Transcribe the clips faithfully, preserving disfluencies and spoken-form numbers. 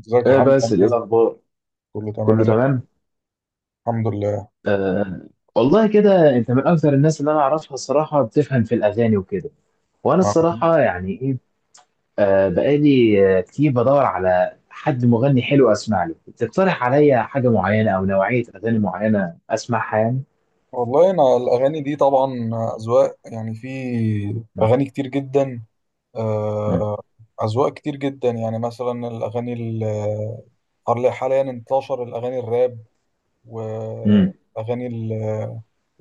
ازيك يا ايه حمد؟ بس عامل ايه ايه؟ الاخبار. كله تمام كله يلا، تمام. الحمد لله. آه. والله كده انت من اكثر الناس اللي انا اعرفها الصراحه بتفهم في الاغاني وكده، وانا مع- الصراحه يعني ايه. آه بقالي آه، كتير بدور على حد مغني حلو اسمع له تقترح عليا حاجه معينه او نوعيه اغاني معينه اسمعها يعني. والله انا الاغاني دي طبعا اذواق، يعني في مم. اغاني كتير جدا. مم. آه، اذواق كتير جدا، يعني مثلا الاغاني ال- حال- حاليا انتشر الاغاني الراب، مم. واغاني ال-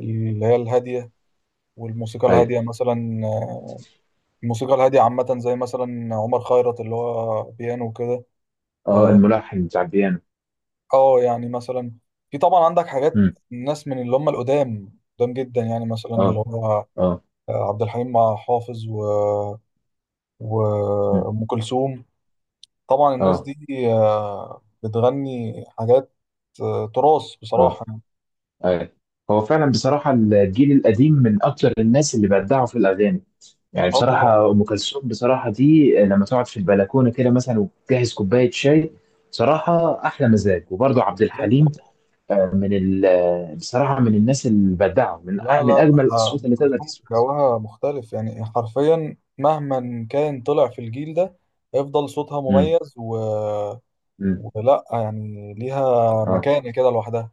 اللي هي الهاديه، والموسيقى ايوه. الهاديه مثلا. الموسيقى الهاديه عامه زي مثلا عمر خيرت، اللي هو بيانو وكده. اه الملحن بتاع البيانو. اه يعني مثلا في طبعا عندك حاجات مم. الناس من اللي هم القدام، قدام جدا، يعني مثلا اللي اه. هو اه. آه، عبد الحليم مع حافظ و مم. وأم كلثوم. طبعا الناس اه. دي آه، بتغني حاجات آه، تراث اه. بصراحة يعني. ايوه. هو فعلا بصراحه الجيل القديم من اكثر الناس اللي بدعوا في الاغاني، يعني اه طبعا، بصراحة أم كلثوم بصراحة دي لما تقعد في البلكونة كده مثلا وتجهز كوباية شاي بصراحة أحلى مزاج. وبرضه عبد ازيك الحليم طبعا. من ال بصراحة من الناس البدعة من أ- لا من لا، أجمل آه، الأصوات أم اللي تقدر كلثوم تسمعها. جوها مختلف يعني، حرفيا مهما كان طلع في الجيل ده هيفضل صوتها امم. مميز و... امم. ولا يعني ليها اه. مكانة كده لوحدها.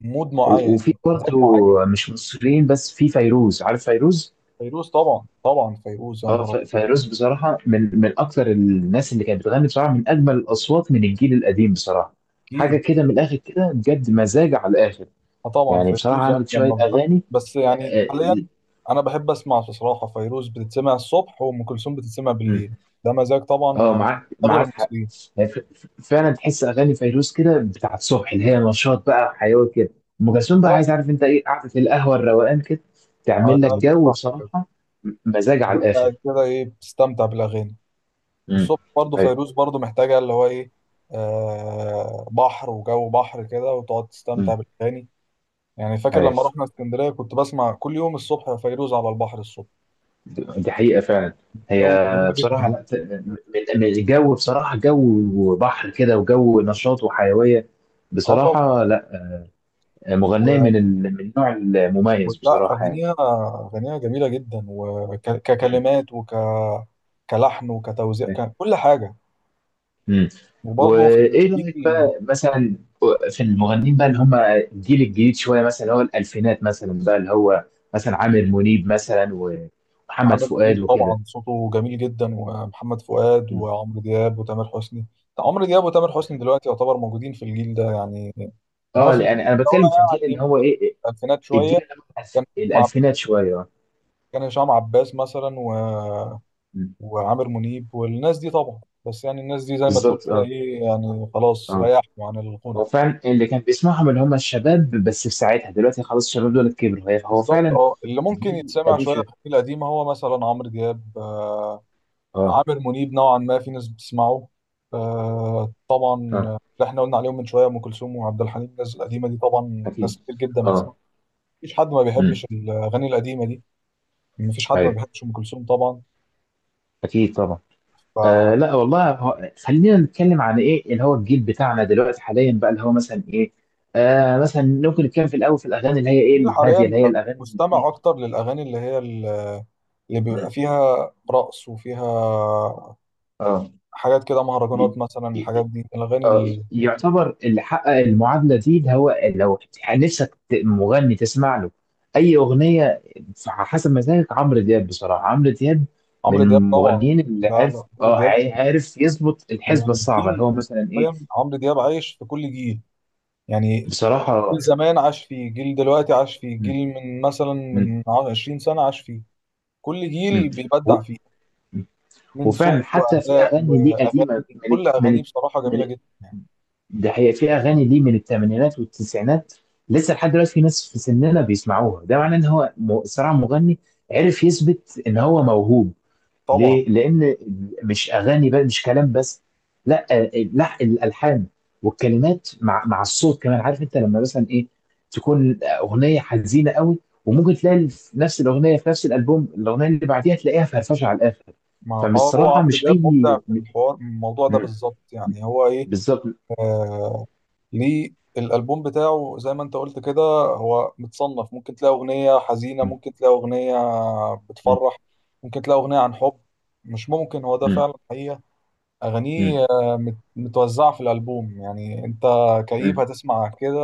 مود معين و- يعني، وفي مزاج برضه معين. مش مصريين، بس في فيروز، عارف فيروز؟ فيروز طبعا، طبعا فيروز يا اه، نهار أبيض. ف- فيروز بصراحة من من أكثر الناس اللي كانت بتغني بصراحة، من أجمل الأصوات من الجيل القديم بصراحة. حاجة اكيد. كده من الآخر كده بجد، مزاج على الآخر. آه طبعا يعني بصراحة فيروز يعني عملت لما شوية بتغني، أغاني. بس يعني اه. حاليا انا بحب اسمع بصراحه فيروز بتتسمع الصبح، وام كلثوم بتتسمع بالليل. ده مزاج طبعا آه، يعني معاك اغلب معاك حق. المصريين. هي ف- ف- فعلا تحس اغاني فيروز كده بتاعت الصبح، اللي هي نشاط بقى وحيويه كده. ام كلثوم بقى اه عايز عارف انت ايه، قعده القهوه الروقان كده، على تعمل لك الأقل جو صح كده، بصراحه. م- مزاج على وقاعد الاخر. كده ايه بتستمتع بالاغاني. امم. والصبح برضه ايوه. فيروز، برضه محتاجه اللي هو ايه، آه بحر وجو بحر كده، وتقعد تستمتع امم. بالاغاني. يعني فاكر ايوه. لما رحنا اسكندريه كنت بسمع كل يوم الصبح فيروز على البحر الصبح. د- دي حقيقه فعلا. هي جو جميل جدا. بصراحه لا ت- من من الجو بصراحه، جو بحر كده وجو نشاط وحيويه. اه طب بصراحه لا، مغنيه و- من ال من النوع المميز ولا بصراحه يعني. اغانيها، اغانيها جميله جدا، مم. وككلمات وك كلحن وكتوزيع، ككل حاجه. امم. وبرضه في وايه رايك الجيل بقى مثلا في المغنيين بقى اللي هم الجيل الجديد شويه، مثلا اللي هو الالفينات مثلا، بقى اللي هو مثلا عامر منيب مثلا ومحمد عمل فؤاد كليب، وكده. طبعا صوته جميل جدا، ومحمد فؤاد مم. وعمرو دياب وتامر حسني. عمرو دياب وتامر حسني دلوقتي يعتبر موجودين في الجيل ده يعني. انما اه، في الجيل يعني اللي انا بتكلم في هو الجيل اللي يعني هو ايه، إيه، الالفينات شويه، الجيل اللي هو الألف- كان هشام عب- الالفينات شويه، اه. كان هشام عباس مثلا، مم. وعامر منيب، والناس دي طبعا. بس يعني الناس دي زي ما تقول بالظبط، كده اه. ايه، يعني خلاص اه. ريحوا عن الغنى. هو فعلا اللي كان بيسمعهم اللي هم الشباب، بس في ساعتها دلوقتي خلاص الشباب دول كبروا، هي- هو بالظبط فعلا اه، اللي ممكن جيل يتسمع قديم شويه شويه. في القديمه هو مثلا عمرو دياب، آه اه. عامر منيب نوعا ما في ناس بتسمعه. آه طبعا اه. اللي احنا قلنا عليهم من شويه، ام كلثوم وعبد الحليم، الناس القديمه دي طبعا ناس اكيد. كتير جدا بتسمع. اه. مفيش حد ما بيحبش امم. الاغاني القديمه دي، مفيش حد ما ايوه. بيحبش ام كلثوم طبعا. اكيد طبعا. آه لا والله، هو خلينا نتكلم عن ايه اللي هو الجيل بتاعنا دلوقتي حاليا بقى، اللي هو مثلا ايه. آه مثلا ممكن نتكلم في الاول في الاغاني اللي هي ايه جيل الهاديه، حاليا اللي هي بقى الاغاني اللي مستمع فيها. اكتر للاغاني اللي هي ال- اللي بيبقى مم. فيها رقص، وفيها اه. حاجات كده، ي- مهرجانات مثلا، الحاجات ي- دي الاغاني آه، ال- يعتبر اللي حقق المعادله دي اللي هو، لو نفسك ت- مغني تسمع له اي اغنيه على حسب مزاجك، عمرو دياب. بصراحه عمرو دياب من عمرو دياب طبعا. المغنيين اللي لا عارف، لا، عمرو اه، دياب عا- عارف يظبط من الحسبه الصعبه، اللي الجيل، هو مثلا ايه. فاهم، عمرو دياب عايش في كل جيل يعني. جيل بصراحه. زمان عاش فيه، جيل دلوقتي عاش فيه، مم. جيل من مثلا مم. من عشرين سنة عاش فيه. كل جيل مم. بيبدع فيه، من صوت وفعلا حتى في وأداء اغاني ليه قديمه وأغاني، من ال- كل من أغانيه ال- بصراحة من جميلة ال- جدا يعني. ده هي في اغاني ليه من الثمانينات والتسعينات لسه لحد دلوقتي في ناس في سننا بيسمعوها، ده معناه ان هو م- صراحه مغني عرف يثبت ان هو موهوب. طبعا. ليه؟ لأن مش أغاني بقى، مش كلام بس، لا آه، لا الألحان والكلمات مع مع الصوت كمان. عارف أنت لما مثلا إيه، تكون أغنية حزينة قوي، وممكن تلاقي في نفس الأغنية في نفس الألبوم الأغنية اللي بعديها تلاقيها فرفشة على الآخر. ما اه هو فبصراحة عمرو مش دياب أي مبدع م- في الحوار، الموضوع ده م- بالظبط يعني هو ايه. بالظبط. آه ليه الالبوم بتاعه زي ما انت قلت كده، هو متصنف. ممكن تلاقي اغنيه حزينه، م- ممكن تلاقي اغنيه م- بتفرح، ممكن تلاقي اغنيه عن حب. مش ممكن، هو ده م- فعلا حقيقه. م- اغانيه آه، مت- متوزعه في الالبوم يعني. انت كئيب م- هتسمع كده،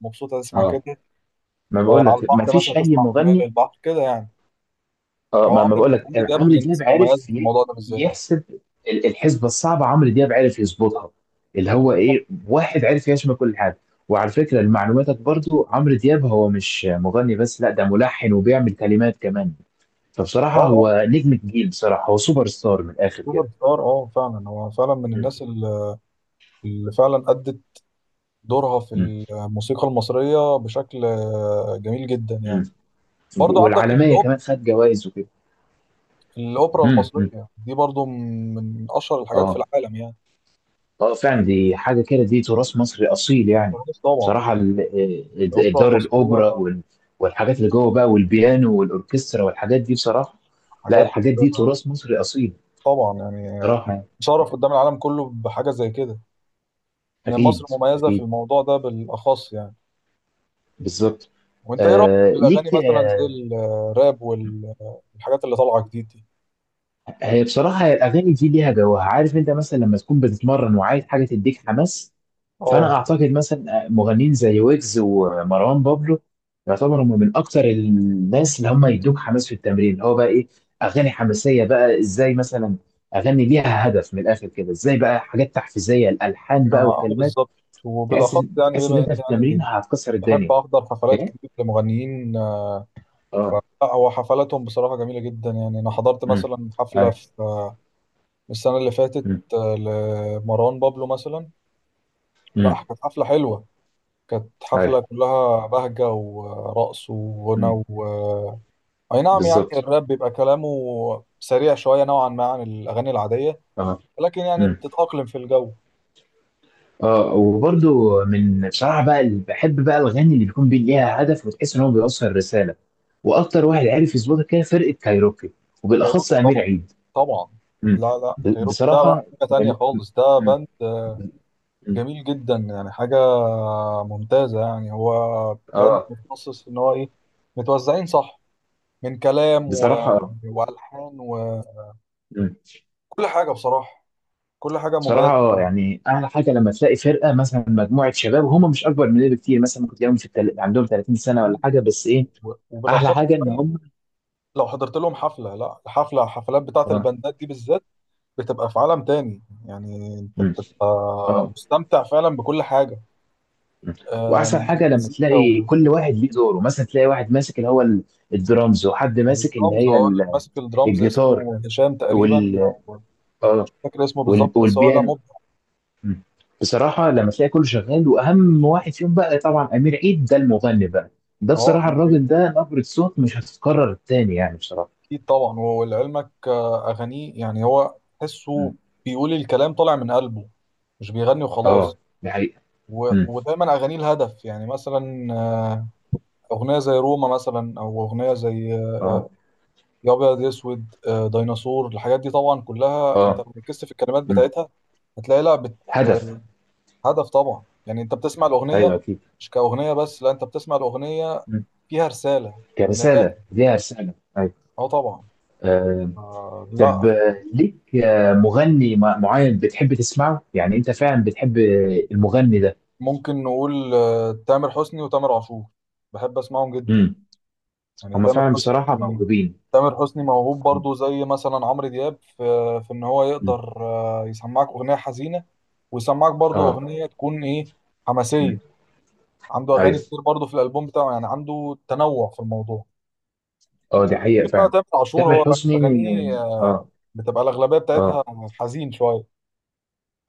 مبسوط هتسمع اه، كده، ما آه، بقول على لك، ما البحر مثلا فيش أي تسمع اغنيه مغني. للبحر كده يعني. اه، هو ما ما بقول عمرو لك عمرو دياب عمرو من الناس دياب المميزه عارف في ي- الموضوع ده بالذات. يحسب ال- الحسبه الصعبه، عمرو دياب عارف يظبطها، اللي هو اه. ايه، واحد عارف يشمل كل حاجه. وعلى فكره لمعلوماتك برضو عمرو دياب هو مش مغني بس، لا ده ملحن وبيعمل كلمات كمان. فبصراحه آه. هو نجم الجيل، بصراحه هو سوبر ستار من الاخر سوبر كده. ستار، اه فعلا هو فعلا من مم. الناس اللي، اللي فعلا أدت دورها في مم. الموسيقى المصرية بشكل آه، جميل جدا مم. يعني. برضو عندك والعالميه الأوب... كمان، خد جوائز وكده. الأوبرا مم. مم. المصرية دي برضو من أشهر الحاجات في اه. العالم يعني. اه فعلا دي حاجه كده، دي تراث مصري اصيل يعني. فارس طبعا، بصراحه ال ال- الأوبرا دار المصرية الاوبرا وال- والحاجات اللي جوه بقى، والبيانو والاوركسترا والحاجات دي بصراحه. لا حاجات، الحاجات دي آه، تراث مصري اصيل طبعا يعني بصراحه يعني. تشرف قدام العالم كله بحاجة زي كده، إن مصر اكيد. مميزة في اكيد. الموضوع ده بالأخص يعني. بالظبط. وأنت إيه رأيك آه في الأغاني ليك مثلا آه. زي الراب، والحاجات اللي طالعة جديد دي؟ هي بصراحه هي الاغاني دي ليها جوها. عارف انت مثلا لما تكون بتتمرن وعايز حاجه تديك حماس، فانا اه اعتقد مثلا مغنيين زي ويجز ومروان بابلو يعتبروا هم من اكتر الناس اللي هم يدوك حماس في التمرين، اللي هو بقى ايه، اغاني حماسيه بقى، ازاي مثلا؟ اغني ليها هدف من الاخر كده، ازاي بقى، حاجات تحفيزيه، الالحان ما بقى آه والكلمات، بالظبط. تحس وبالاخص ان يعني، تحس ان بما انت اني في التمرين يعني هتكسر بحب الدنيا. احضر حفلات ايه. كتير لمغنيين. ف- اه. لا هو حفلاتهم بصراحه جميله جدا يعني. انا حضرت امم. مثلا حفله ايوه. في السنه اللي فاتت امم. آه، لمروان بابلو مثلا. امم. لا كانت حفله حلوه، كانت حفله ايوه. كلها بهجه ورقص وغنى امم. و... اي نعم يعني بالظبط. الراب بيبقى كلامه سريع شويه نوعا ما عن الاغاني العاديه، اه. لكن يعني امم. بتتاقلم في الجو. اه وبرده من بصراحه بقى اللي بحب بقى، الاغاني اللي بيكون بي- ليها هدف وتحس ان هو بيوصل رساله. واكتر واحد عرف يظبطها كده، فرقه كايروكي، وبالاخص كايروكي امير طبعا، عيد. طبعا. مم. لا لا، ب- كايروكي ده بقى بصراحه. حاجة تانية مل- خالص، ده مم. باند مم. جميل جدا يعني، حاجة ممتازة يعني. هو باند اه. متخصص إن هو إيه، متوزعين صح، من كلام و... بصراحه اه. وألحان وكل مم. حاجة. بصراحة كل حاجة بصراحه مميزة اه، يعني احلى حاجه لما تلاقي فرقه مثلا، مجموعه شباب وهم مش اكبر مننا بكتير، مثلا ممكن تلاقيهم في التل عندهم تلاتين سنه فيه. ولا حاجه، بس ايه، و... احلى وبالأخص حاجه ان كمان هم. لو حضرت لهم حفلة، لا الحفلة الحفلات بتاعة اه. الباندات دي بالذات بتبقى في عالم تاني، يعني أنت مم. بتبقى اه. مستمتع فعلا بكل حاجة. مم. آم، واحسن حاجه لما مزيكا تلاقي كل واحد ليه دوره، مثلا تلاقي واحد ماسك اللي هو ال- الدرامز، وحد ماسك اللي الدرامز، هي اه اللي ال- ماسك الدرامز الجيتار اسمه هشام تقريبا، وال او اه، مش فاكر اسمه وال- بالظبط، بس هو لا والبيانو. مبدع. مم. بصراحة لما تلاقي كله شغال، وأهم واحد فيهم بقى طبعا أمير عيد ده المغني بقى، ده اه بصراحة الراجل ده نبرة صوت مش هتتكرر تاني يعني بصراحة. اكيد طبعا. ولعلمك آه، اغانيه يعني هو مم. تحسه بيقول الكلام طالع من قلبه، مش بيغني اه، وخلاص. دي حقيقة. و- مم. ودايما اغانيه الهدف يعني، مثلا آه، اغنيه زي روما مثلا، او اغنيه زي آه، اه. يا ابيض يا اسود، آه، ديناصور، الحاجات دي طبعا كلها انت اه. لو ركزت في الكلمات مم. بتاعتها هتلاقي لها بت- هدف، هدف طبعا. يعني انت بتسمع أيوه الاغنيه أكيد. مش كأغنية بس، لا انت بتسمع الأغنية مم. فيها رسالة من الآخر. كرسالة، ليها رسالة، أيوه. اه طبعا. آه. آه طب لا. آه، ليك آه، مغني مع- معين بتحب تسمعه؟ يعني أنت فعلا بتحب آه، المغني ده. ممكن نقول آه تامر حسني وتامر عاشور، بحب اسمعهم جدا. مم. يعني هما تامر فعلا بصراحة حسني، موهوبين. تامر حسني موهوب برضو زي مثلا عمرو دياب في، في ان هو مم. يقدر آه يسمعك اغنية حزينة، ويسمعك برضو اه. اغنية تكون ايه، مم. حماسية. عنده أيوه. اغاني كتير برضو في الالبوم بتاعه، يعني عنده تنوع في الموضوع. اه دي حقيقة شوف بقى فعلا. تامر عاشور تامر هو حسني. اغانيه آه، اه. بتبقى الاغلبية بتاعتها اه. حزين شوية،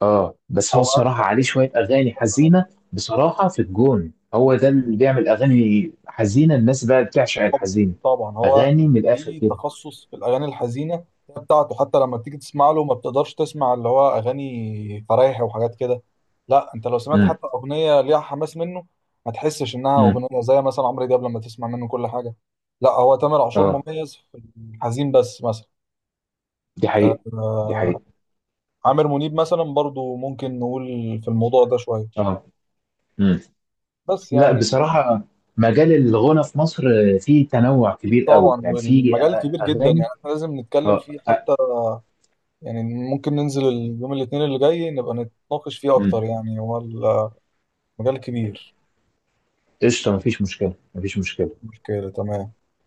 اه بس هو او الصراحة عليه شوية أغاني حزينة بصراحة، في الجون هو ده اللي بيعمل أغاني حزينة، الناس بقى بتعشق الحزين، طبعا هو أغاني من الآخر ليه كده. تخصص في الاغاني الحزينه بتاعته. حتى لما بتيجي تسمع له ما بتقدرش تسمع اللي هو اغاني فرايح وحاجات كده. لا انت لو سمعت امم. حتى اغنيه ليها حماس منه ما تحسش انها امم. اغنيه زي مثلا عمرو دياب لما تسمع منه كل حاجه. لا هو تامر عاشور اه. مميز في الحزين بس مثلا، دي آه، حقيقة. دي حقيقة. عامر منيب مثلا برضو ممكن نقول في الموضوع ده شويه. اه. امم. بس لا يعني بصراحة، مجال الغنى في مصر فيه تنوع اكيد كبير قوي، طبعا يعني فيه والمجال كبير جدا، أغاني يعني احنا لازم نتكلم اه فيه آه، حتى يعني. ممكن ننزل اليوم الاثنين اللي جاي نبقى نتناقش فيه امم. اكتر، يعني هو المجال كبير. قشطة، مفيش مشكلة، مفيش مشكلة. مشكلة تمام.